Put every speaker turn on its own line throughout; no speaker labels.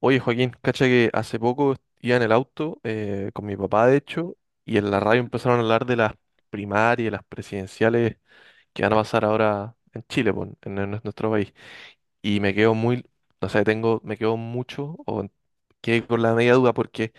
Oye, Joaquín, cacha que hace poco iba en el auto con mi papá, de hecho, y en la radio empezaron a hablar de las primarias, y las presidenciales que van a pasar ahora en Chile, po, en nuestro país. Y me quedo muy, no sé, me quedo mucho o quedé con la media duda porque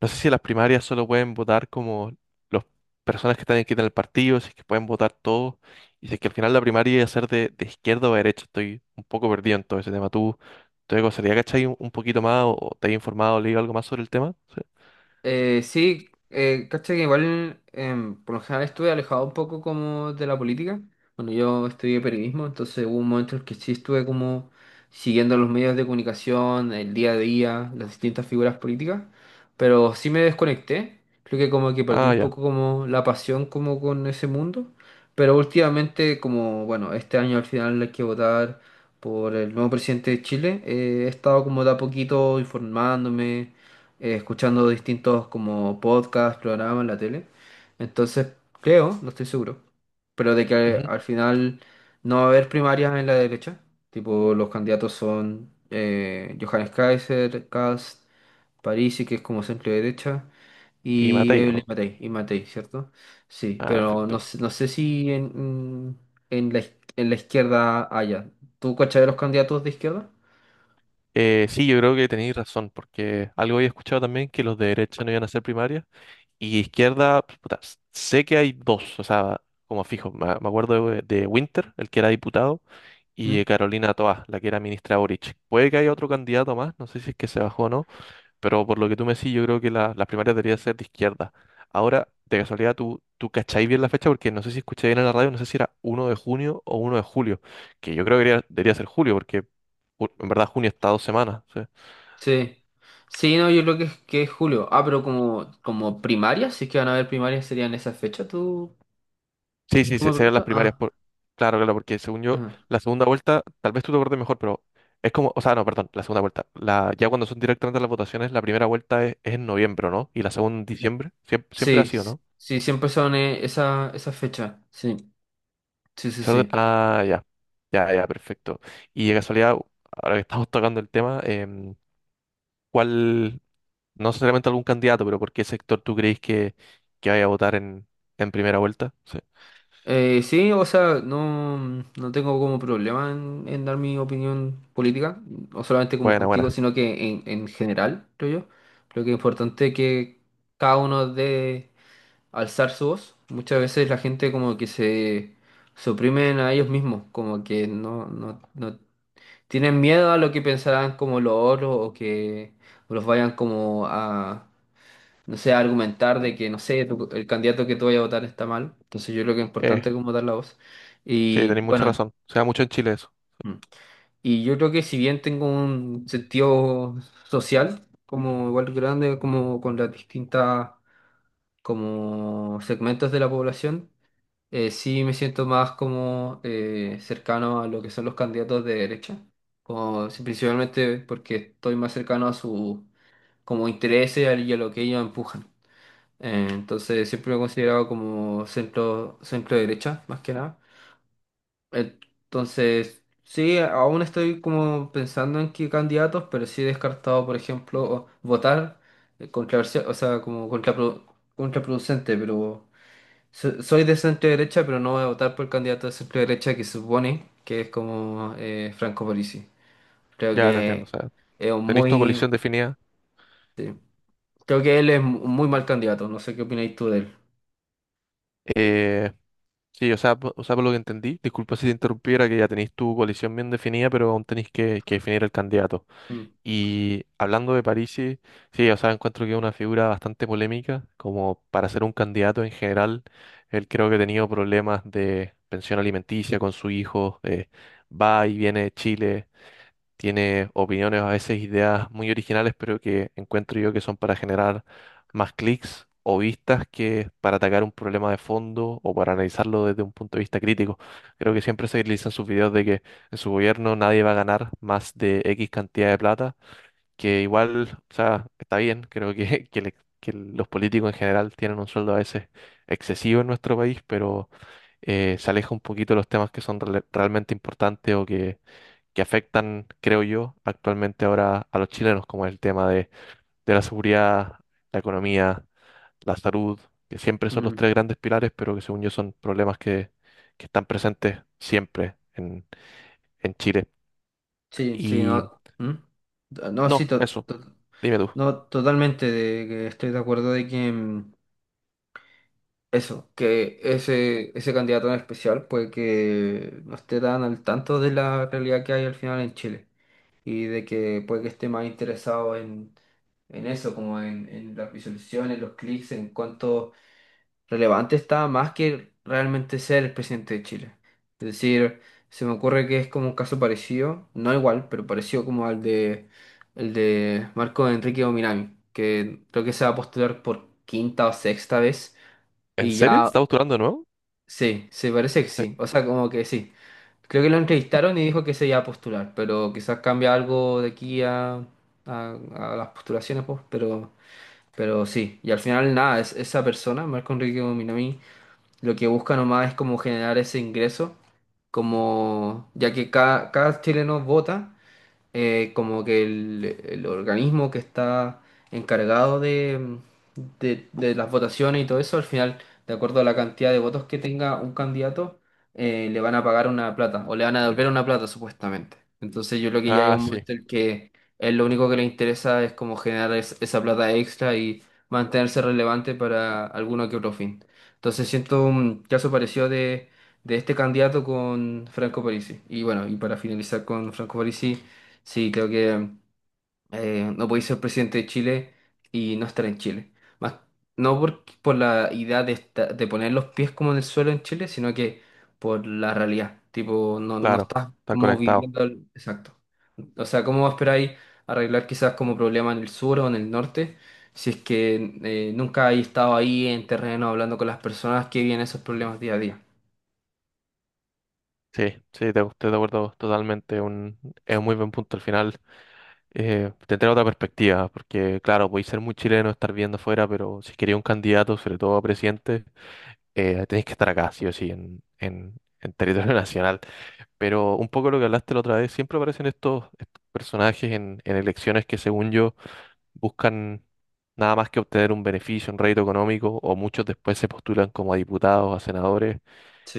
no sé si las primarias solo pueden votar como las personas que están aquí en el partido, si es que pueden votar todos, y si es que al final la primaria iba a ser de izquierda o de derecha. Estoy un poco perdido en todo ese tema. ¿Tú te gustaría, cachai, un poquito más o te has informado, leído algo más sobre el tema? Sí.
Sí, cacha que igual por lo general estuve alejado un poco como de la política. Bueno, yo estudié periodismo, entonces hubo un momento en el que sí estuve como siguiendo los medios de comunicación, el día a día, las distintas figuras políticas, pero sí me desconecté. Creo que como que perdí
Ah,
un
ya.
poco como la pasión como con ese mundo, pero últimamente como, bueno, este año al final hay que votar por el nuevo presidente de Chile, he estado como de a poquito informándome escuchando distintos como podcasts, programas en la tele. Entonces, creo, no estoy seguro, pero de que
Ujú.
al final no va a haber primarias en la derecha. Tipo, los candidatos son Johannes Kaiser, Kast, Parisi, que es como centro derecha,
Y
y
Matei, ¿o
Evelyn
no?
Matei, y Matei, ¿cierto? Sí,
Ah,
pero no,
perfecto.
no sé si en, en la, en la izquierda haya. ¿Tú cachai de los candidatos de izquierda?
Sí, yo creo que tenéis razón, porque algo había escuchado también que los de derecha no iban a ser primarias, y izquierda, pues, puta, sé que hay dos, o sea, como fijo, me acuerdo de Winter, el que era diputado y Carolina Toa, la que era ministra Boric. Puede que haya otro candidato más, no sé si es que se bajó o no, pero por lo que tú me decís, yo creo que las primarias deberían ser de izquierda. Ahora, de casualidad, tú cacháis bien la fecha porque no sé si escuché bien en la radio, no sé si era 1 de junio o 1 de julio, que yo creo que debería ser julio porque en verdad junio está 2 semanas. ¿Sí?
Sí. Sí, no, yo creo que es julio. Ah, pero como, como primarias, si es que van a haber primarias, serían esas fechas, ¿tú,
Sí, sí,
tú me
serían las
preguntas?
primarias.
Ah,
Claro, claro, porque según yo,
ajá.
la segunda vuelta, tal vez tú te acuerdes mejor, pero es como, o sea, no, perdón, la segunda vuelta. Ya cuando son directamente las votaciones, la primera vuelta es en noviembre, ¿o no? Y la segunda en diciembre. Siempre, siempre ha
Sí,
sido,
sí,
¿no?
sí, siempre son esa, esas fechas. Sí, sí, sí, sí.
Ah, ya. Ya, ya, perfecto. Y de casualidad, ahora que estamos tocando el tema, ¿cuál, no necesariamente algún candidato, pero por qué sector tú crees que vaya a votar en primera vuelta? Sí.
Sí, o sea, no, no tengo como problema en dar mi opinión política, no solamente como
Buena,
contigo,
buena.
sino que en general, creo yo. Creo que es importante que cada uno dé alzar su voz. Muchas veces la gente como que se suprimen a ellos mismos, como que no, no, no tienen miedo a lo que pensarán como los otros o que los vayan como a, no sé, a argumentar de que, no sé, el candidato que tú vayas a votar está mal. Entonces yo creo que es
Eh,
importante como dar la voz.
sí,
Y
tenéis mucha
bueno,
razón. Se da mucho en Chile eso.
mm, y yo creo que si bien tengo un sentido social, como igual grande, como con las distintas como segmentos de la población, sí me siento más como cercano a lo que son los candidatos de derecha, como, sí, principalmente porque estoy más cercano a su como intereses y a lo que ellos empujan. Entonces siempre me he considerado como centro, centro derecha, más que nada. Entonces, sí, aún estoy como pensando en qué candidatos, pero sí he descartado, por ejemplo, votar controversia, o sea, como contraproducente, pero Soy de centro derecha, pero no voy a votar por el candidato de centro derecha que se supone que es como Franco Parisi. Creo
Ya te entiendo, o
que
sea,
es un
tenéis tu
muy...
coalición definida.
Sí. Creo que él es un muy mal candidato. No sé qué opináis tú de él.
Eh, sí, o sea, o sea, por lo que entendí, disculpa si te interrumpiera, que ya tenéis tu coalición bien definida, pero aún tenéis que definir el candidato.
Mm,
Y hablando de Parisi, sí, sí, o sea, encuentro que es una figura bastante polémica, como para ser un candidato en general, él creo que ha tenido problemas de pensión alimenticia con su hijo, va y viene de Chile. Tiene opiniones, a veces ideas muy originales, pero que encuentro yo que son para generar más clics o vistas que para atacar un problema de fondo o para analizarlo desde un punto de vista crítico. Creo que siempre se utilizan sus videos de que en su gobierno nadie va a ganar más de X cantidad de plata, que igual, o sea, está bien, creo que, que los políticos en general tienen un sueldo a veces excesivo en nuestro país, pero se aleja un poquito de los temas que son realmente importantes o que afectan, creo yo, actualmente ahora a los chilenos, como el tema de la seguridad, la economía, la salud, que siempre son los
mm.
tres grandes pilares, pero que según yo son problemas que están presentes siempre en Chile.
Sí, sí,
Y
no... ¿Mm? No, sí,
no, eso, dime tú.
no, totalmente de que estoy de acuerdo de que eso, que ese candidato en especial, pues que no esté tan al tanto de la realidad que hay al final en Chile, y de que puede que esté más interesado en eso, como en las visualizaciones, los clics, en cuánto relevante está, más que realmente ser el presidente de Chile. Es decir, se me ocurre que es como un caso parecido, no igual, pero parecido como al de, el de Marco Enrique Ominami, que creo que se va a postular por quinta o sexta vez
¿En
y
serio?
ya,
¿Estás postulando de nuevo?
sí, se parece que
Sí.
sí, o sea, como que sí. Creo que lo entrevistaron y dijo que se iba a postular, pero quizás cambia algo de aquí a, a las postulaciones, pues, pero sí. Y al final, nada, es, esa persona, Marco Enrique Minami, lo que busca nomás es como generar ese ingreso, como ya que cada, cada chileno vota como que el organismo que está encargado de, de las votaciones y todo eso, al final, de acuerdo a la cantidad de votos que tenga un candidato, le van a pagar una plata o le van a devolver una plata supuestamente. Entonces yo creo que ya llega
Ah,
un
sí,
momento en que él lo único que le interesa es como generar esa plata extra y mantenerse relevante para alguno que otro fin. Entonces siento un caso parecido de este candidato con Franco Parisi. Y bueno, y para finalizar con Franco Parisi, sí, creo que no podéis ser presidente de Chile y no estar en Chile. Más, no por, por la idea de, de poner los pies como en el suelo en Chile, sino que por la realidad. Tipo, no, no
claro,
estás
estar
como
conectado.
viviendo el- Exacto. O sea, ¿cómo esperáis arreglar quizás como problema en el sur o en el norte? Si es que nunca hay estado ahí en terreno hablando con las personas que viven esos problemas día a día.
Sí, sí, estoy de acuerdo totalmente. Es un muy buen punto al final. Tendrá otra perspectiva, porque claro, podéis ser muy chileno, estar viendo afuera, pero si queréis un candidato, sobre todo a presidente, tenéis que estar acá, sí o sí, en territorio nacional. Pero un poco lo que hablaste la otra vez, siempre aparecen estos personajes en elecciones que según yo buscan nada más que obtener un beneficio, un rédito económico, o muchos después se postulan como a diputados, a senadores,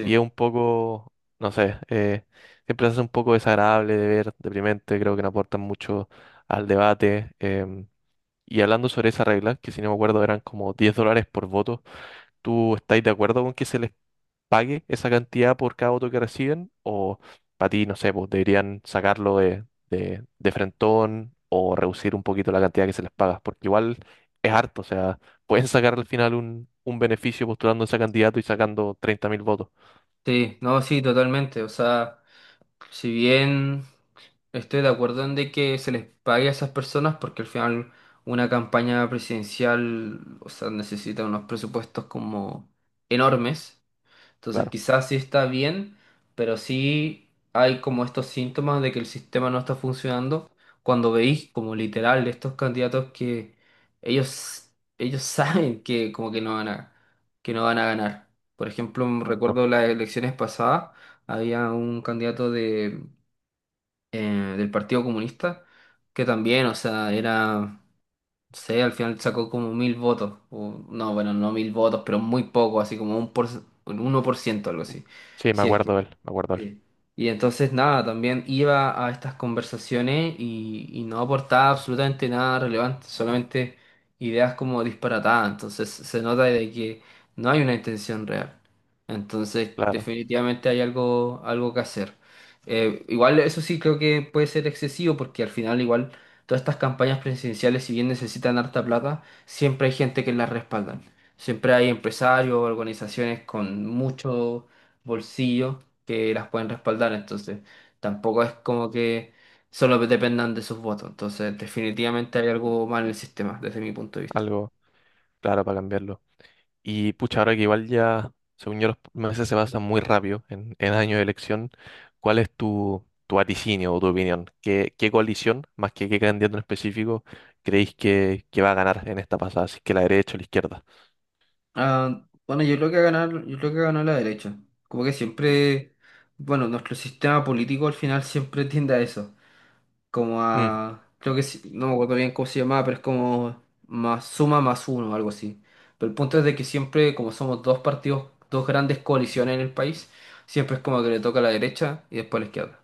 y es un poco, no sé, siempre hace un poco desagradable de ver, deprimente, creo que no aportan mucho al debate. Y hablando sobre esa regla que si no me acuerdo eran como $10 por voto, ¿tú estáis de acuerdo con que se les pague esa cantidad por cada voto que reciben? ¿O para ti, no sé, pues deberían sacarlo de frentón o reducir un poquito la cantidad que se les paga? Porque igual es harto, o sea, pueden sacar al final un beneficio postulando a ese candidato y sacando 30.000 votos,
Sí, no, sí, totalmente. O sea, si bien... Estoy de acuerdo en de que se les pague a esas personas porque al final una campaña presidencial, o sea, necesita unos presupuestos como enormes. Entonces
claro.
quizás sí está bien, pero sí hay como estos síntomas de que el sistema no está funcionando. Cuando veis como literal estos candidatos que ellos, ellos saben que como que no van a, que no van a ganar. Por ejemplo, recuerdo las elecciones pasadas, había un candidato de del Partido Comunista, que también, o sea, era, no sé, al final sacó como 1.000 votos, o, no, bueno, no 1.000 votos, pero muy poco, así como un por, un 1% algo así,
Sí, me
si es que.
acuerdo él, me acuerdo él.
Sí. Y entonces nada, también iba a estas conversaciones y no aportaba absolutamente nada relevante, solamente ideas como disparatadas. Entonces se nota de que no hay una intención real. Entonces
Claro,
definitivamente hay algo, algo que hacer. Igual eso sí creo que puede ser excesivo porque al final igual todas estas campañas presidenciales, si bien necesitan harta plata, siempre hay gente que las respaldan. Siempre hay empresarios, organizaciones con mucho bolsillo que las pueden respaldar, entonces tampoco es como que solo dependan de sus votos, entonces definitivamente hay algo mal en el sistema desde mi punto de vista.
algo claro para cambiarlo. Y pucha, ahora que igual ya, según yo, los meses se pasan muy rápido en año de elección, ¿cuál es tu vaticinio o tu opinión? ¿Qué coalición, más que qué candidato en específico, creéis que va a ganar en esta pasada? Si es que la derecha o la izquierda.
Ah, bueno, yo creo que ganar, yo creo que ganó la derecha, como que siempre, bueno, nuestro sistema político al final siempre tiende a eso, como
Mm,
a, creo que no me acuerdo bien cómo se llamaba, pero es como más suma más uno, algo así. Pero el punto es de que siempre, como somos dos partidos, dos grandes coaliciones en el país, siempre es como que le toca a la derecha y después a la izquierda,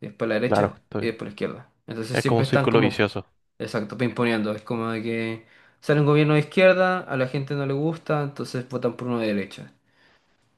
y después la
claro,
derecha y después la izquierda. Entonces
es como
siempre
un
están
círculo
como,
vicioso.
exacto, pimponeando. Es como de que sale un gobierno de izquierda, a la gente no le gusta, entonces votan por uno de derecha.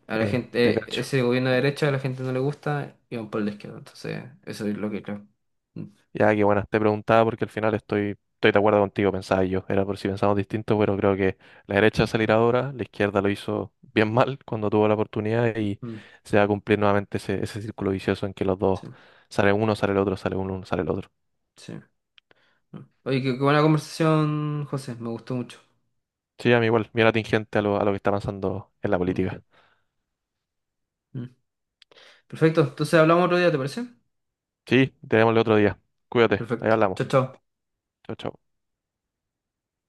A la
Te
gente,
cacho.
ese gobierno de derecha a la gente no le gusta y van por el de izquierda. Entonces, eso es lo que creo. Mm,
Ya, que bueno, te preguntaba porque al final estoy de acuerdo contigo, pensaba yo. Era por si pensamos distinto, pero creo que la derecha salirá ahora, la izquierda lo hizo bien mal cuando tuvo la oportunidad y
mm,
se va a cumplir nuevamente ese círculo vicioso en que los dos,
sí,
sale uno, sale el otro, sale uno, sale el otro.
sí. Mm. Oye, qué, qué buena conversación, José, me gustó mucho.
Sí, a mí igual, bien atingente a lo que está pasando en la
Mm,
política.
mm. Perfecto, entonces hablamos otro día, ¿te parece?
Sí, te vemos el otro día. Cuídate, ahí
Perfecto.
hablamos.
Chao, chao.
Chao, chao.